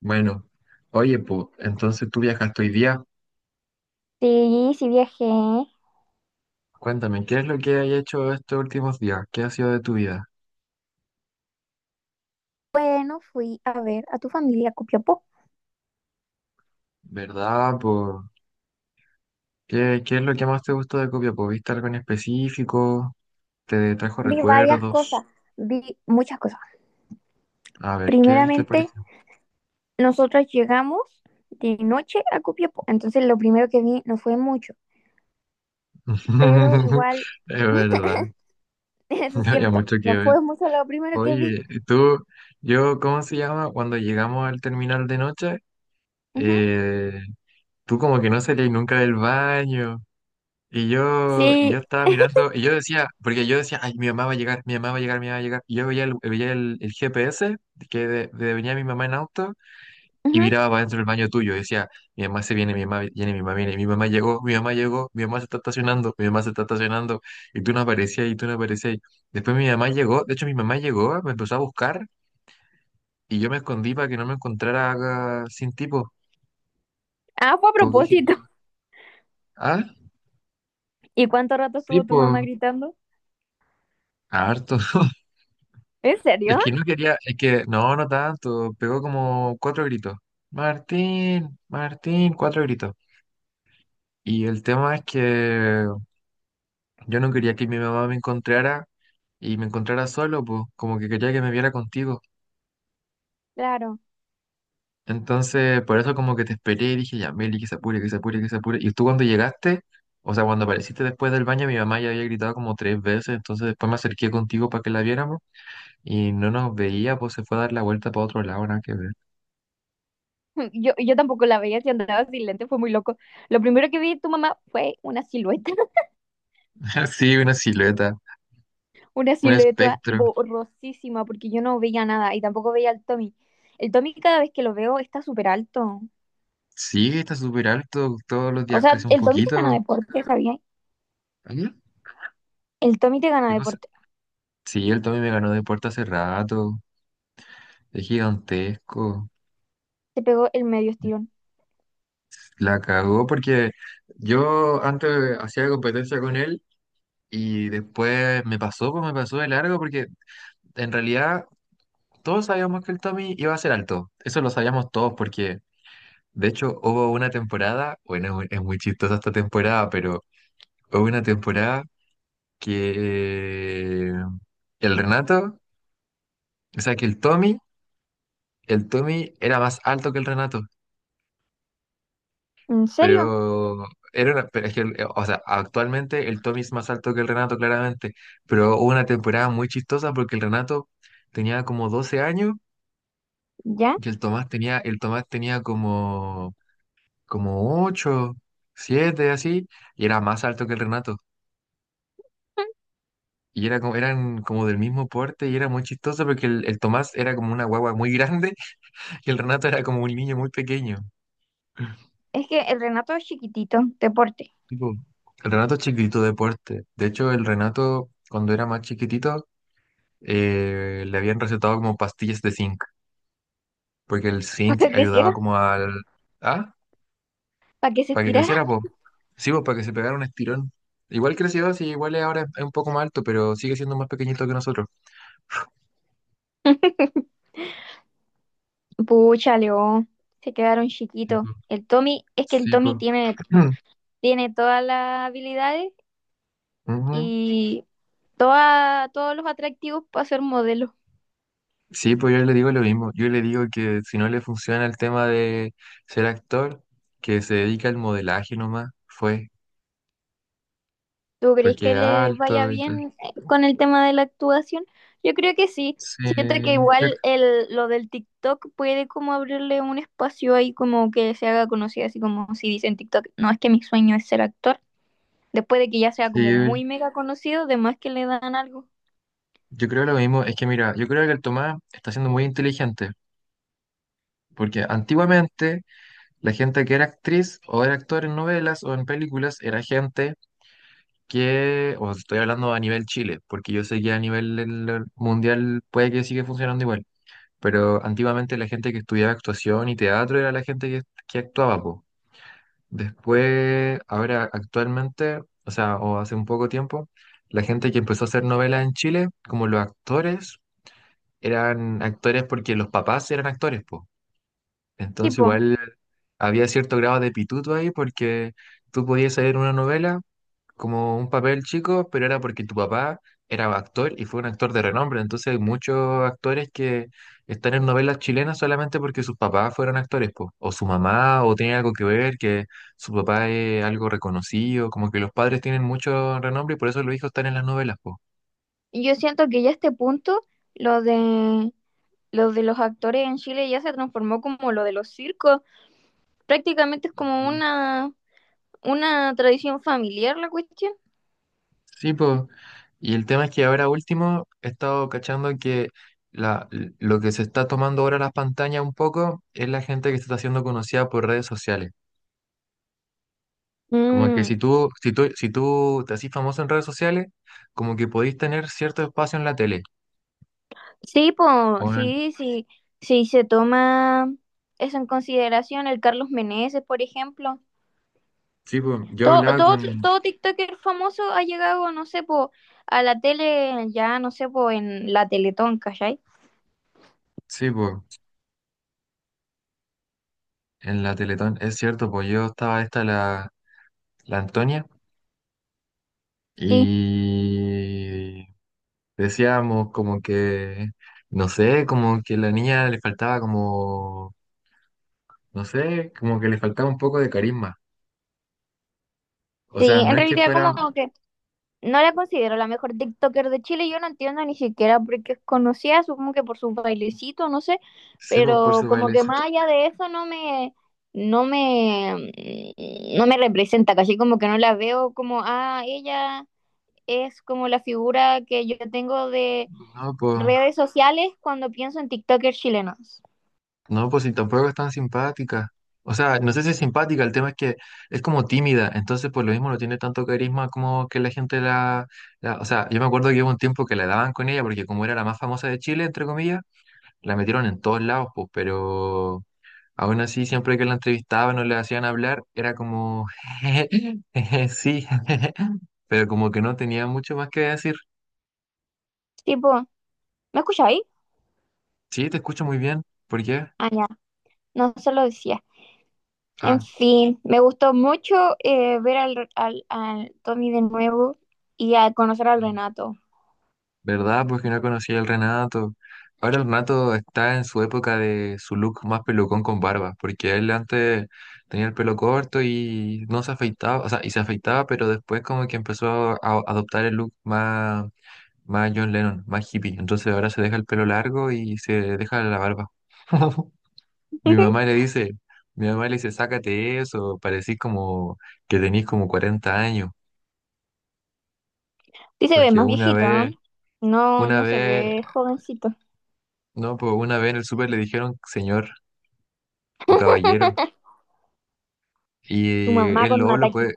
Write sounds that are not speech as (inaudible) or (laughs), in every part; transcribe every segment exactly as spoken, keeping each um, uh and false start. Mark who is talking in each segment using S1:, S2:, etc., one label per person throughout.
S1: Bueno, oye, pues, entonces tú viajaste hoy día.
S2: Sí, sí viajé.
S1: Cuéntame, ¿qué es lo que has hecho estos últimos días? ¿Qué ha sido de tu vida?
S2: Bueno, fui a ver a tu familia a Copiapó.
S1: ¿Verdad, po? ¿Qué, qué es lo que más te gustó de Copiapó? ¿Viste algo en específico? ¿Te trajo
S2: Vi varias
S1: recuerdos?
S2: cosas, vi muchas cosas.
S1: A ver, ¿qué viste por
S2: Primeramente,
S1: allá?
S2: nosotros llegamos de noche a Copiapó, entonces lo primero que vi no fue mucho, pero
S1: (laughs)
S2: igual,
S1: Es verdad,
S2: (laughs) eso es
S1: no había
S2: cierto,
S1: mucho que
S2: no
S1: ver.
S2: fue mucho lo primero que vi.
S1: Oye, ¿y tú, yo, ¿cómo se llama? Cuando llegamos al terminal de noche,
S2: Ujú.
S1: eh, tú como que no salías nunca del baño. Y yo, y yo
S2: Sí,
S1: estaba
S2: (laughs)
S1: mirando, y yo decía, porque yo decía, ay, mi mamá va a llegar, mi mamá va a llegar, mi mamá va a llegar. Y yo veía el, veía el, el G P S que de, de venía mi mamá en auto y
S2: ujú.
S1: miraba para dentro del baño tuyo. Y decía, mi mamá se viene, mi mamá viene, mi mamá viene, mi mamá llegó, mi mamá llegó, mi mamá se está estacionando, mi mamá se está estacionando. Y tú no aparecías, y tú no aparecías. Después mi mamá llegó, de hecho mi mamá llegó, me empezó a buscar y yo me escondí para que no me encontrara ah, sin tipo.
S2: Ah, fue a
S1: Como que dije,
S2: propósito.
S1: no.
S2: (laughs)
S1: Ah,
S2: ¿Y cuánto rato
S1: sí,
S2: estuvo tu
S1: pues,
S2: mamá gritando?
S1: harto.
S2: ¿En
S1: Es
S2: serio?
S1: que no quería, es que no, no tanto, pegó como cuatro gritos. Martín, Martín, cuatro gritos. Y el tema es que yo no quería que mi mamá me encontrara y me encontrara solo, pues, como que quería que me viera contigo.
S2: Claro.
S1: Entonces, por eso como que te esperé y dije, ya, Meli, que se apure, que se apure, que se apure. Y tú cuando llegaste, o sea, cuando apareciste después del baño, mi mamá ya había gritado como tres veces, entonces después me acerqué contigo para que la viéramos y no nos veía, pues se fue a dar la vuelta para otro lado, nada que ver.
S2: (laughs) Yo, yo tampoco la veía si andaba sin lente, fue muy loco. Lo primero que vi de tu mamá fue una silueta.
S1: (laughs) Sí, una silueta.
S2: Una
S1: Un
S2: silueta
S1: espectro.
S2: borrosísima porque yo no veía nada y tampoco veía al Tommy. El Tommy cada vez que lo veo está súper alto.
S1: Sí, está súper alto. Todos los
S2: O
S1: días
S2: sea,
S1: crece un
S2: el Tommy te gana
S1: poquito.
S2: deporte, Javier.
S1: ¿Allá?
S2: El Tommy te
S1: ¿Qué
S2: gana
S1: cosa?
S2: deporte.
S1: Sí, el Tommy me ganó de puerta hace rato. Es gigantesco.
S2: Te pegó el medio estirón.
S1: La cagó porque yo antes hacía competencia con él y después me pasó, pues me pasó de largo porque en realidad todos sabíamos que el Tommy iba a ser alto. Eso lo sabíamos todos porque de hecho hubo una temporada, bueno, es muy es muy chistosa esta temporada, pero hubo una temporada que el Renato, o sea, que el Tommy, el Tommy era más alto que el Renato,
S2: ¿En serio?
S1: pero era una- pero es que, el- o sea, actualmente el Tommy es más alto que el Renato, claramente, pero hubo una temporada muy chistosa porque el Renato tenía como doce años
S2: ¿Ya?
S1: y el Tomás tenía, el Tomás tenía como, como ocho, siete así, y era más alto que el Renato. Y era como, eran como del mismo porte y era muy chistoso porque el, el Tomás era como una guagua muy grande que el Renato era como un niño muy pequeño.
S2: Es que el Renato es chiquitito, deporte.
S1: Tipo, el Renato es chiquitito de porte. De hecho, el Renato, cuando era más chiquitito, eh, le habían recetado como pastillas de zinc, porque el
S2: (laughs) ¿Para
S1: zinc
S2: que
S1: ayudaba
S2: creciera?
S1: como al... Ah,
S2: ¿Para que se
S1: para que
S2: estirara?
S1: creciera, pues. Sí, pues, para que se pegara un estirón. Igual creció, sí, igual es ahora es un poco más alto, pero sigue siendo más pequeñito que nosotros.
S2: (laughs) Pucha, Leo. Se quedaron
S1: Sí,
S2: chiquitos.
S1: pues.
S2: El Tommy, es que el
S1: Sí,
S2: Tommy
S1: pues.
S2: tiene,
S1: (clears throat)
S2: tiene todas las habilidades
S1: Ujú.
S2: y toda- todos los atractivos para ser modelo.
S1: Sí, pues yo le digo lo mismo. Yo le digo que si no le funciona el tema de ser actor, que se dedica al modelaje nomás, fue,
S2: ¿Tú crees
S1: porque
S2: que
S1: es
S2: le vaya
S1: alto y tal.
S2: bien eh, con el tema de la actuación? Yo creo que sí.
S1: Sí,
S2: Siento que
S1: yo,
S2: igual el, lo del TikTok puede como abrirle un espacio ahí como que se haga conocida, así como si dice en TikTok, no es que mi sueño es ser actor. Después de que ya sea como
S1: sí,
S2: muy mega conocido, de más que le dan algo.
S1: yo creo lo mismo. Es que mira, yo creo que el Tomás está siendo muy inteligente, porque antiguamente la gente que era actriz o era actor en novelas o en películas era gente que, o estoy hablando a nivel Chile, porque yo sé que a nivel del- mundial puede que siga funcionando igual. Pero antiguamente la gente que estudiaba actuación y teatro era la gente que, que actuaba, po. Después, ahora actualmente, o sea, o hace un poco tiempo, la gente que empezó a hacer novelas en Chile, como los actores, eran actores porque los papás eran actores, po. Entonces
S2: Tipo,
S1: igual había cierto grado de pituto ahí porque tú podías leer una novela como un papel chico, pero era porque tu papá era actor y fue un actor de renombre. Entonces hay muchos actores que están en novelas chilenas solamente porque sus papás fueron actores, po. O su mamá, o tiene algo que ver, que su papá es algo reconocido, como que los padres tienen mucho renombre y por eso los hijos están en las novelas, po.
S2: yo siento que ya a este punto lo de, lo de los actores en Chile ya se transformó como lo de los circos. Prácticamente es como
S1: Ujú.
S2: una, una tradición familiar la cuestión.
S1: Sí, pues. Y el tema es que ahora último he estado cachando que la, lo que se está tomando ahora las pantallas un poco es la gente que se está haciendo conocida por redes sociales. Como que
S2: Mm.
S1: si tú, si tú, si tú te haces famoso en redes sociales, como que podéis tener cierto espacio en la tele.
S2: Sí, po,
S1: O en-
S2: sí, sí, sí se toma eso en consideración, el Carlos Meneses, por ejemplo.
S1: sí, pues, yo
S2: Todo,
S1: hablaba
S2: todo,
S1: con,
S2: todo TikToker famoso ha llegado, no sé, po, a la tele, ya, no sé, po, en la Teletón, ¿cachai?
S1: sí, pues, en la Teletón, es cierto, pues yo estaba esta la, la Antonia
S2: Sí,
S1: y decíamos como que, no sé, como que a la niña le faltaba como, no sé, como que le faltaba un poco de carisma. O sea,
S2: sí,
S1: no
S2: en
S1: es que
S2: realidad
S1: fuera,
S2: como que no la considero la mejor TikToker de Chile, yo no entiendo ni siquiera por qué es conocida, supongo que por sus bailecitos, no sé,
S1: sí, pues, por
S2: pero
S1: su
S2: como que
S1: bailecito,
S2: más allá de eso no me, no me, no me representa, casi como que no la veo como, ah, ella es como la figura que yo tengo de
S1: no, pues.
S2: redes sociales cuando pienso en TikTokers chilenos.
S1: No, pues si tampoco es tan simpática. O sea, no sé si es simpática, el tema es que es como tímida, entonces por lo mismo no tiene tanto carisma como que la gente la, la- O sea, yo me acuerdo que hubo un tiempo que la daban con ella porque como era la más famosa de Chile, entre comillas, la metieron en todos lados, pues, pero aún así siempre que la entrevistaban o le hacían hablar, era como... (laughs) sí, (laughs) pero como que no tenía mucho más que decir.
S2: Tipo, ¿me escucháis?
S1: Sí, te escucho muy bien. ¿Por qué?
S2: Ah, ya, no se lo decía. En
S1: Ah.
S2: fin, me gustó mucho eh, ver al, al, al Tommy de nuevo y a conocer al Renato.
S1: ¿Verdad? Pues que no conocía al Renato. Ahora el Renato está en su época de su look más pelucón con barba, porque él antes tenía el pelo corto y no se afeitaba, o sea, y se afeitaba, pero después como que empezó a adoptar el look más, más John Lennon, más hippie. Entonces ahora se deja el pelo largo y se deja la barba. (laughs) Mi mamá
S2: (laughs)
S1: le dice, mi mamá le dice, sácate eso, parecís como que tenís como cuarenta años,
S2: Sí se ve
S1: porque
S2: más
S1: una
S2: viejito, ¿no?
S1: vez...
S2: No,
S1: Una
S2: no se
S1: vez
S2: ve jovencito.
S1: no, pues una vez en el súper le dijeron señor o caballero. Y
S2: Tu mamá
S1: el
S2: con un
S1: lobo lo
S2: ataque.
S1: puede,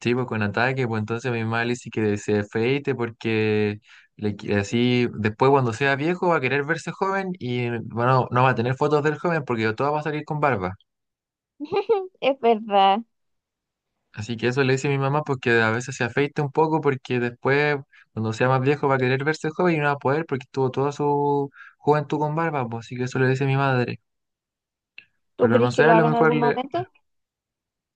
S1: sí, pues con ataque, pues entonces mi mamá le dice que se afeite porque le qui- así después cuando sea viejo va a querer verse joven y bueno, no va a tener fotos del joven porque todo va a salir con barba.
S2: (laughs) Es verdad.
S1: Así que eso le dice mi mamá porque a veces se afeite un poco porque después cuando sea más viejo va a querer verse joven y no va a poder porque tuvo toda su juventud con barba, pues así que eso le dice mi madre.
S2: ¿Tú
S1: Pero no
S2: crees que
S1: sé, a
S2: lo
S1: lo
S2: haga en
S1: mejor
S2: algún momento?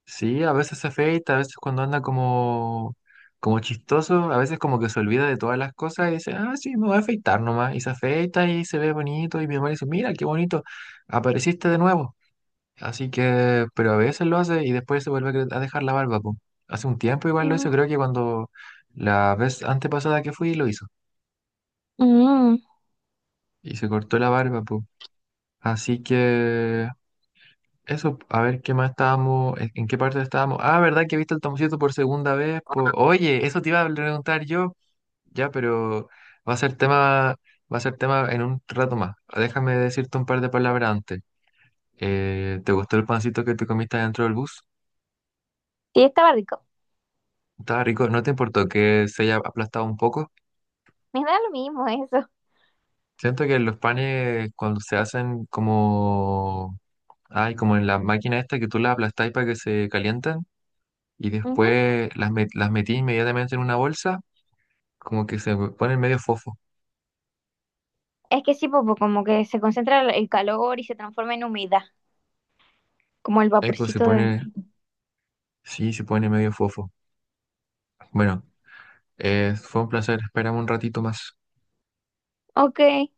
S1: sí, a veces se afeita, a veces cuando anda como, como chistoso, a veces como que se olvida de todas las cosas y dice, ah, sí, me voy a afeitar nomás. Y se afeita y se ve bonito y mi mamá le dice, mira, qué bonito, apareciste de nuevo. Así que, pero a veces lo hace y después se vuelve a cre- a dejar la barba, po. Hace un tiempo igual lo hizo,
S2: Mm.
S1: creo que cuando la vez antepasada que fui lo hizo.
S2: Mm.
S1: Y se cortó la barba, po. Así que... Eso, a ver qué más estábamos, en en qué parte estábamos. Ah, ¿verdad que viste el Tomoncito por segunda vez? Po- Oye, eso te iba a preguntar yo. Ya, pero va a ser tema, va a ser tema en un rato más. Déjame decirte un par de palabras antes. Eh, ¿te gustó el pancito que te comiste dentro del bus?
S2: Sí, estaba rico.
S1: Estaba rico, ¿no te importó que se haya aplastado un poco?
S2: Me da lo mismo eso.
S1: Siento que los panes cuando se hacen como, ay, como en la máquina esta que tú la aplastáis para que se calienten, y
S2: Ujú.
S1: después las, met- las metí inmediatamente en una bolsa, como que se pone medio fofo.
S2: Es que sí, popo, como que se concentra el el calor y se transforma en humedad, como el
S1: Eco se
S2: vaporcito de...
S1: pone, sí, se pone medio fofo. Bueno, eh, fue un placer, espérame un ratito más.
S2: Ok,